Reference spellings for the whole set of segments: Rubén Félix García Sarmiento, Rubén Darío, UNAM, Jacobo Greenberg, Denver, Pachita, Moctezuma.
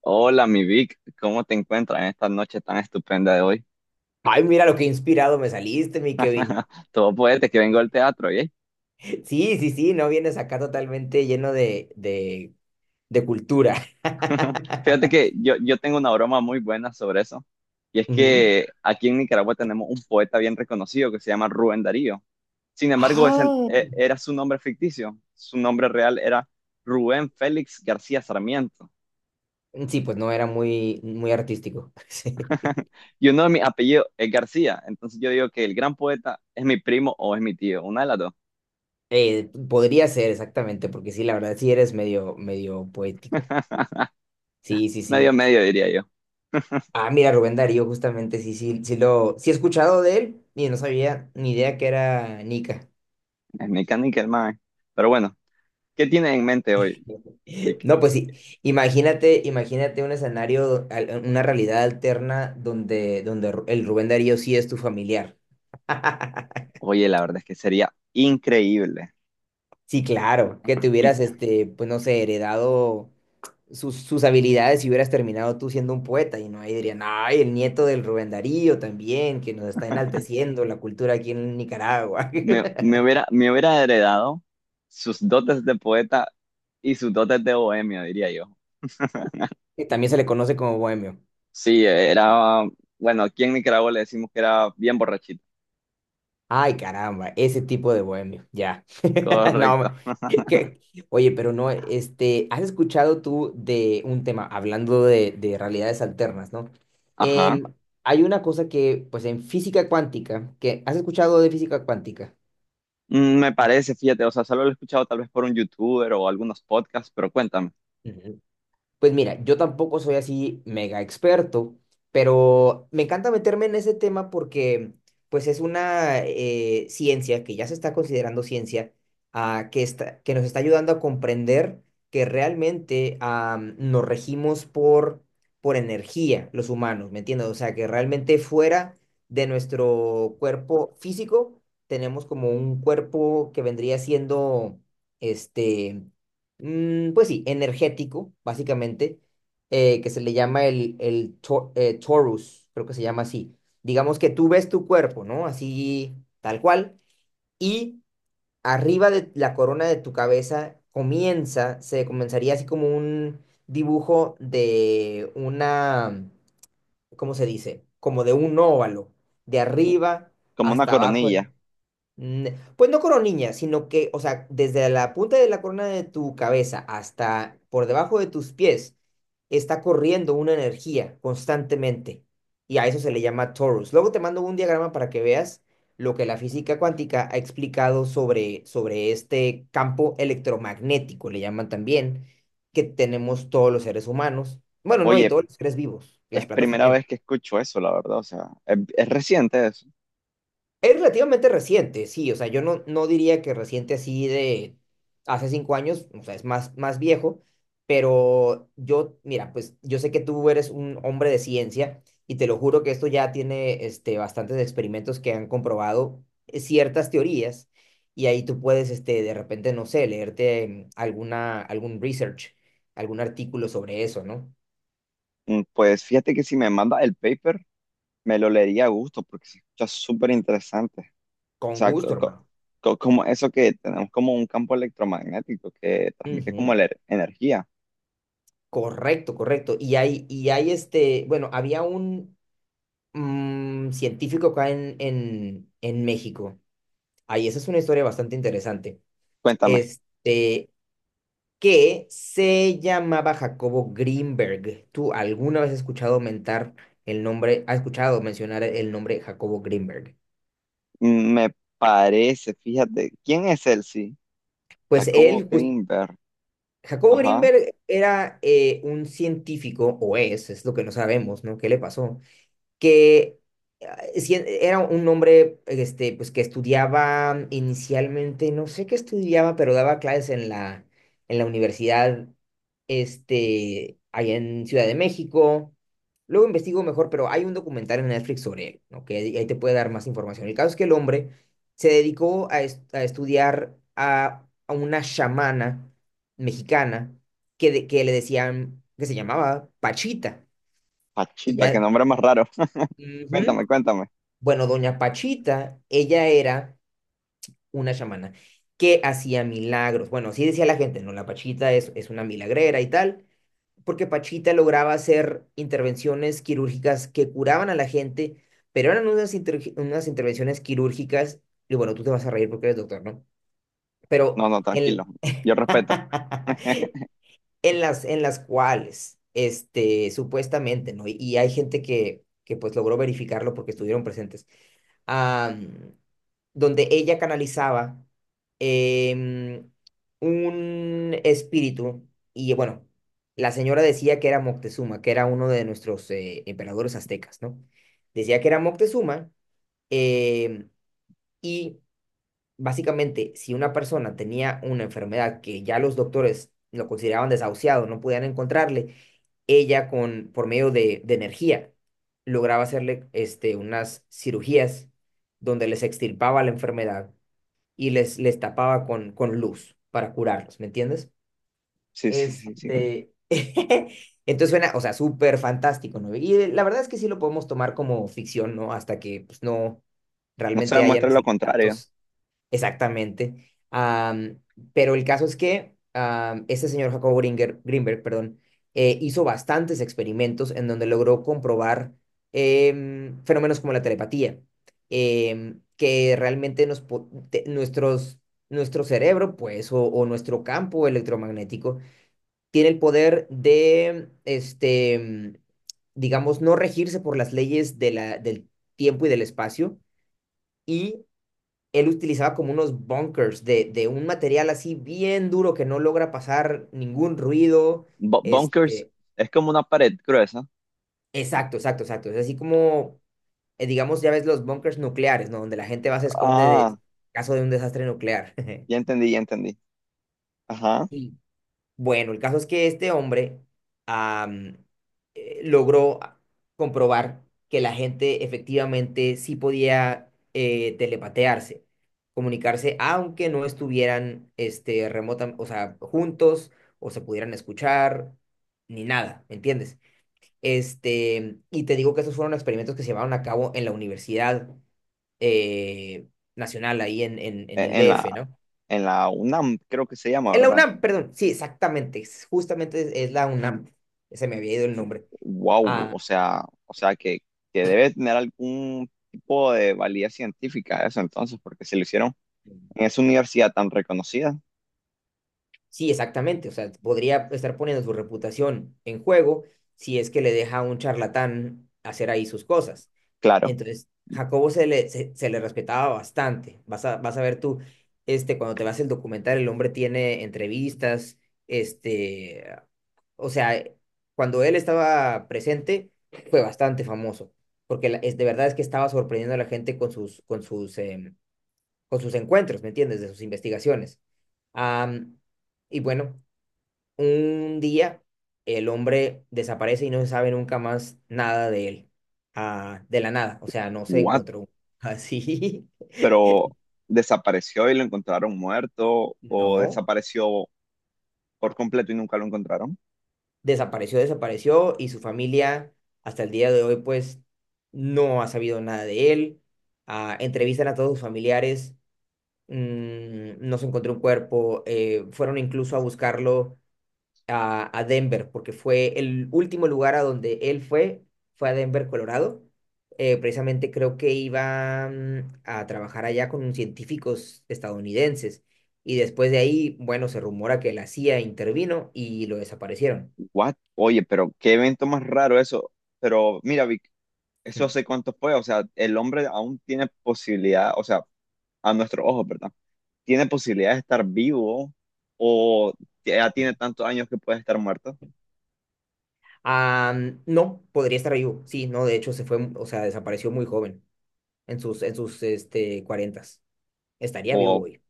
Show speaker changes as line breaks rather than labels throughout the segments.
Hola, mi Vic, ¿cómo te encuentras en esta noche tan estupenda de hoy?
Ay, mira lo que inspirado me saliste, mi Kevin.
Todo poeta que vengo al teatro, ¿eh?
Sí, sí, sí, no vienes acá totalmente lleno de cultura.
Fíjate que yo tengo una broma muy buena sobre eso, y es
Ujú.
que aquí en Nicaragua tenemos un poeta bien reconocido que se llama Rubén Darío. Sin embargo, ese
Ah,
era su nombre ficticio, su nombre real era Rubén Félix García Sarmiento,
sí, pues no era muy, muy artístico. Sí.
y uno de mis apellidos es García, entonces yo digo que el gran poeta es mi primo o es mi tío, una de las dos,
Podría ser exactamente, porque sí, la verdad sí eres medio, medio poético. Sí, sí,
medio
sí.
medio diría yo,
Ah, mira, Rubén Darío, justamente, sí, sí, sí he escuchado de él y no sabía ni idea que era Nica.
es mi canica el mae. Pero bueno. ¿Qué tienes en mente hoy, Vic?
No, pues sí, imagínate un escenario, una realidad alterna donde el Rubén Darío sí es tu familiar.
Oye, la verdad es que sería increíble.
Sí, claro, que te
Y
hubieras, pues no sé, heredado sus habilidades y hubieras terminado tú siendo un poeta y no ahí dirían, ay, el nieto del Rubén Darío también, que nos está enalteciendo la cultura aquí en Nicaragua, que
me hubiera heredado sus dotes de poeta y sus dotes de bohemio, diría yo.
también se le conoce como bohemio.
Sí, era, bueno, aquí en Nicaragua le decimos que era bien borrachito.
Ay, caramba, ese tipo de bohemio, ya. No,
Correcto.
que- oye, pero no, ¿has escuchado tú de un tema, hablando de realidades alternas, ¿no?
Ajá.
Em, Hay una cosa que, pues en física cuántica, que, ¿has escuchado de física cuántica?
Me parece, fíjate, o sea, solo lo he escuchado tal vez por un youtuber o algunos podcasts, pero cuéntame,
Ujú. Pues mira, yo tampoco soy así mega experto, pero me encanta meterme en ese tema porque pues es una ciencia que ya se está considerando ciencia, que nos está ayudando a comprender que realmente nos regimos por energía los humanos, ¿me entiendes? O sea, que realmente fuera de nuestro cuerpo físico tenemos como un cuerpo que vendría siendo este pues sí, energético, básicamente, que se le llama el torus, creo que se llama así. Digamos que tú ves tu cuerpo, ¿no? Así, tal cual, y arriba de la corona de tu cabeza comienza, se comenzaría así como un dibujo de una, ¿cómo se dice? Como de un óvalo, de arriba
como una
hasta abajo.
coronilla.
Mm, Pues no coronilla, sino que, o sea, desde la punta de la corona de tu cabeza hasta por debajo de tus pies, está corriendo una energía constantemente. Y a eso se le llama torus. Luego te mando un diagrama para que veas lo que la física cuántica ha explicado sobre este campo electromagnético, le llaman también, que tenemos todos los seres humanos. Bueno, no, y
Oye,
todos los seres vivos,
es
las plantas
primera
también.
vez que escucho eso, la verdad, o sea, es reciente eso.
Es relativamente reciente, sí, o sea, yo no diría que reciente así de hace 5 años, o sea, es más, más viejo, pero yo, mira, pues yo sé que tú eres un hombre de ciencia y te lo juro que esto ya tiene bastantes experimentos que han comprobado ciertas teorías y ahí tú puedes, de repente, no sé, leerte algún research, algún artículo sobre eso, ¿no?
Pues fíjate que si me manda el paper, me lo leería a gusto porque se escucha súper interesante. O
Con
sea,
gusto, hermano.
como eso que tenemos como un campo electromagnético que transmite como
Ujú,
la energía.
correcto, correcto. Y hay bueno, había un científico acá en México. Ahí, esa es una historia bastante interesante.
Cuéntame,
Este, que se llamaba Jacobo Greenberg. ¿Tú alguna vez has escuchado mentar el nombre, has escuchado mencionar el nombre Jacobo Greenberg?
mm, me parece, fíjate, ¿quién es él? Sí,
Pues
Jacobo
él,
Greenberg.
Jacobo
Ajá,
Greenberg era un científico, o es lo que no sabemos, ¿no? ¿Qué le pasó? Que sí, era un hombre pues, que estudiaba inicialmente, no sé qué estudiaba, pero daba clases en la universidad allá en Ciudad de México. Luego investigo mejor, pero hay un documental en Netflix sobre él, ¿no? Que ahí te puede dar más información. El caso es que el hombre se dedicó a estudiar a una chamana mexicana que le decían, que se llamaba Pachita. Y
Pachita, qué
ya,
nombre más raro.
ujú,
Cuéntame, cuéntame.
bueno, doña Pachita, ella era una chamana que hacía milagros. Bueno, así decía la gente, no, la Pachita es una milagrera y tal, porque Pachita lograba hacer intervenciones quirúrgicas que curaban a la gente, pero eran unas intervenciones quirúrgicas, y bueno, tú te vas a reír porque eres doctor, ¿no? Pero
No, no, tranquilo,
en,
yo respeto.
en las cuales, supuestamente, ¿no? Y hay gente que pues logró verificarlo porque estuvieron presentes ah, donde ella canalizaba em, un espíritu y bueno, la señora decía que era Moctezuma, que era uno de nuestros emperadores aztecas, ¿no? Decía que era Moctezuma em, y básicamente, si una persona tenía una enfermedad que ya los doctores lo consideraban desahuciado, no podían encontrarle, ella por medio de energía lograba hacerle unas cirugías donde les extirpaba la enfermedad y les tapaba con luz para curarlos, ¿me entiendes?
Sí, sí, sí, sí.
Este, entonces suena, o sea, súper fantástico, ¿no? Y la verdad es que sí lo podemos tomar como ficción, ¿no? Hasta que pues, no
No se
realmente hayan
demuestra lo
así
contrario.
datos. Exactamente. Pero el caso es que este señor Jacobo Greenberg, perdón, hizo bastantes experimentos en donde logró comprobar fenómenos como la telepatía, que realmente nos, po- te- nuestros, nuestro cerebro, pues, o nuestro campo electromagnético, tiene el poder de, digamos, no regirse por las leyes del tiempo y del espacio. Y él utilizaba como unos bunkers de un material así bien duro que no logra pasar ningún ruido.
Bunkers
Este,
es como una pared gruesa.
exacto, exacto, exacto. Es así como, digamos, ya ves los bunkers nucleares, ¿no? Donde la gente va se esconde de en
Ah,
caso de un desastre nuclear.
ya entendí, ya entendí. Ajá.
Sí. Bueno, el caso es que este hombre am, logró comprobar que la gente efectivamente sí podía telepatearse, comunicarse, aunque no estuvieran o sea, juntos o se pudieran escuchar, ni nada, ¿me entiendes? Y te digo que esos fueron experimentos que se llevaron a cabo en la Universidad eh, Nacional, ahí en
E-
el
En
DF,
la
¿no?
en la UNAM, creo que se llama,
En la
¿verdad?
UNAM, perdón, sí, exactamente, justamente es la UNAM, se me había ido el nombre.
Wow,
Ah,
o sea que debe tener algún tipo de validez científica eso entonces, porque se lo hicieron en esa universidad tan reconocida,
sí, exactamente, o sea, podría estar poniendo su reputación en juego si es que le deja a un charlatán hacer ahí sus cosas.
claro.
Entonces, Jacobo se le respetaba bastante. Vas a ver tú, cuando te vas el documental, el hombre tiene entrevistas, este, o sea, cuando él estaba presente, fue bastante famoso, porque de verdad es que estaba sorprendiendo a la gente con sus encuentros, ¿me entiendes? De sus investigaciones. Am, y bueno, un día el hombre desaparece y no se sabe nunca más nada de él, de la nada, o sea, no se
¿What,
encontró así,
pero desapareció y lo encontraron muerto o
no.
desapareció por completo y nunca lo encontraron?
Desapareció, desapareció y su familia hasta el día de hoy pues no ha sabido nada de él. Ah, entrevistan a todos sus familiares, no se encontró un cuerpo, fueron incluso a buscarlo a Denver porque fue el último lugar a donde él fue a Denver, Colorado. Precisamente creo que iba a trabajar allá con unos científicos estadounidenses y después de ahí, bueno, se rumora que la CIA intervino y lo desaparecieron.
What, oye, pero qué evento más raro eso, pero mira, Vic, eso
Mm.
hace cuánto fue, o sea, el hombre aún tiene posibilidad, o sea, a nuestros ojos, ¿verdad? ¿Tiene posibilidad de estar vivo o ya
Mm.
tiene tantos años que puede estar muerto?
Ah, no, podría estar vivo. Sí, no, de hecho se fue, o sea, desapareció muy joven, en sus cuarentas. Estaría vivo
O
hoy.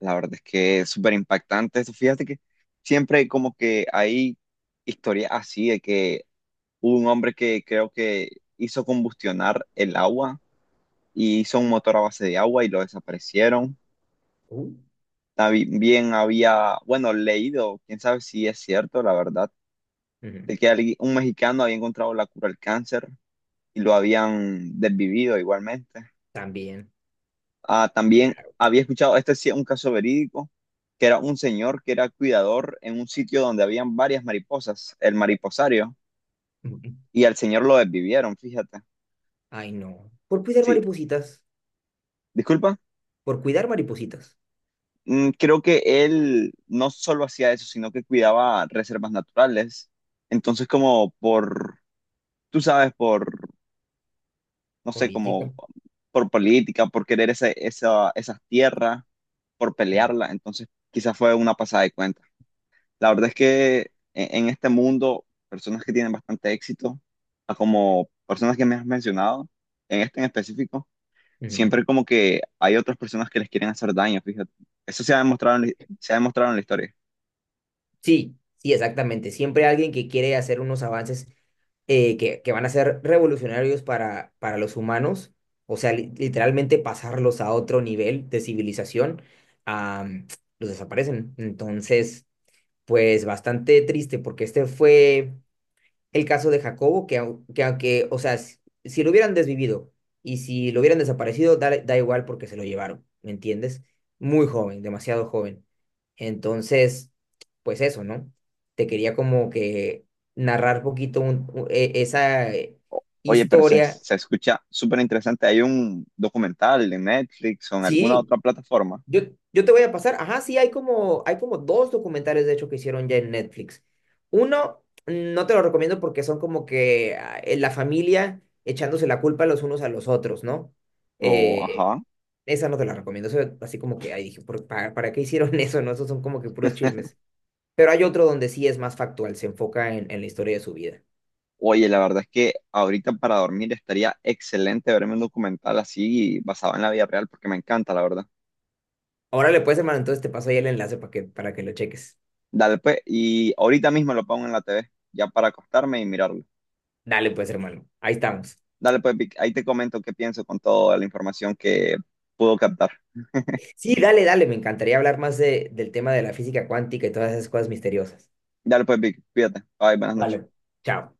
la verdad es que es súper impactante eso. Fíjate que siempre hay historias así de que hubo un hombre que creo que hizo combustionar el agua y hizo un motor a base de agua y lo desaparecieron.
Uh,
También había, bueno, leído, quién sabe si es cierto, la verdad,
Ujú,
de que alguien- un mexicano había encontrado la cura al cáncer y lo habían desvivido igualmente.
también,
Ah, también
claro.
había escuchado, este sí es un caso verídico, que era un señor que era cuidador en un sitio donde habían varias mariposas, el mariposario,
Ujú.
y al señor lo desvivieron, fíjate.
Ay, no. Por cuidar
Sí,
maripositas.
disculpa.
Por cuidar maripositas.
Creo que él no solo hacía eso, sino que cuidaba reservas naturales. Entonces, como por, tú sabes, por, no sé, como
Política.
por política, por querer esa, esas tierras, por
Mm,
pelearla. Entonces, quizás fue una pasada de cuenta. La verdad es que en este mundo, personas que tienen bastante éxito, a como personas que me has mencionado, en este en específico,
ujú,
siempre como que hay otras personas que les quieren hacer daño, fíjate. Eso se ha demostrado se ha demostrado en la historia.
sí, sí, exactamente. Siempre alguien que quiere hacer unos avances que van a ser revolucionarios para los humanos, o sea, literalmente pasarlos a otro nivel de civilización, am, los desaparecen. Entonces, pues bastante triste porque este fue el caso de Jacobo, que aunque, o sea, si lo hubieran desvivido y si lo hubieran desaparecido, da igual porque se lo llevaron, ¿me entiendes? Muy joven, demasiado joven. Entonces, pues eso, ¿no? Te quería como que narrar poquito esa
Oye, pero
historia.
se escucha súper interesante. Hay un documental en Netflix o en alguna
Sí,
otra plataforma.
Yo, yo te voy a pasar, ajá, sí, hay como dos documentales de hecho que hicieron ya en Netflix. Uno, no te lo recomiendo porque son como que la familia echándose la culpa los unos a los otros, ¿no?
O,
Eh,
ajá.
Esa no te la recomiendo, eso, así como que, ahí dije, "¿para qué hicieron eso, no? Esos son como que puros chismes. Pero hay otro donde sí es más factual, se enfoca en la historia de su vida.
Oye, la verdad es que ahorita para dormir estaría excelente verme un documental así basado en la vida real porque me encanta, la verdad.
Ahora le puedes, hermano, entonces te paso ahí el enlace para que lo cheques.
Dale, pues, y ahorita mismo lo pongo en la TV, ya para acostarme y mirarlo.
Dale, pues, hermano, ahí estamos.
Dale, pues, Vic, ahí te comento qué pienso con toda la información que pudo captar.
Sí, dale, dale, me encantaría hablar más del tema de la física cuántica y todas esas cosas misteriosas.
Dale, pues, Vic, cuídate. Bye, buenas noches.
Vale, chao.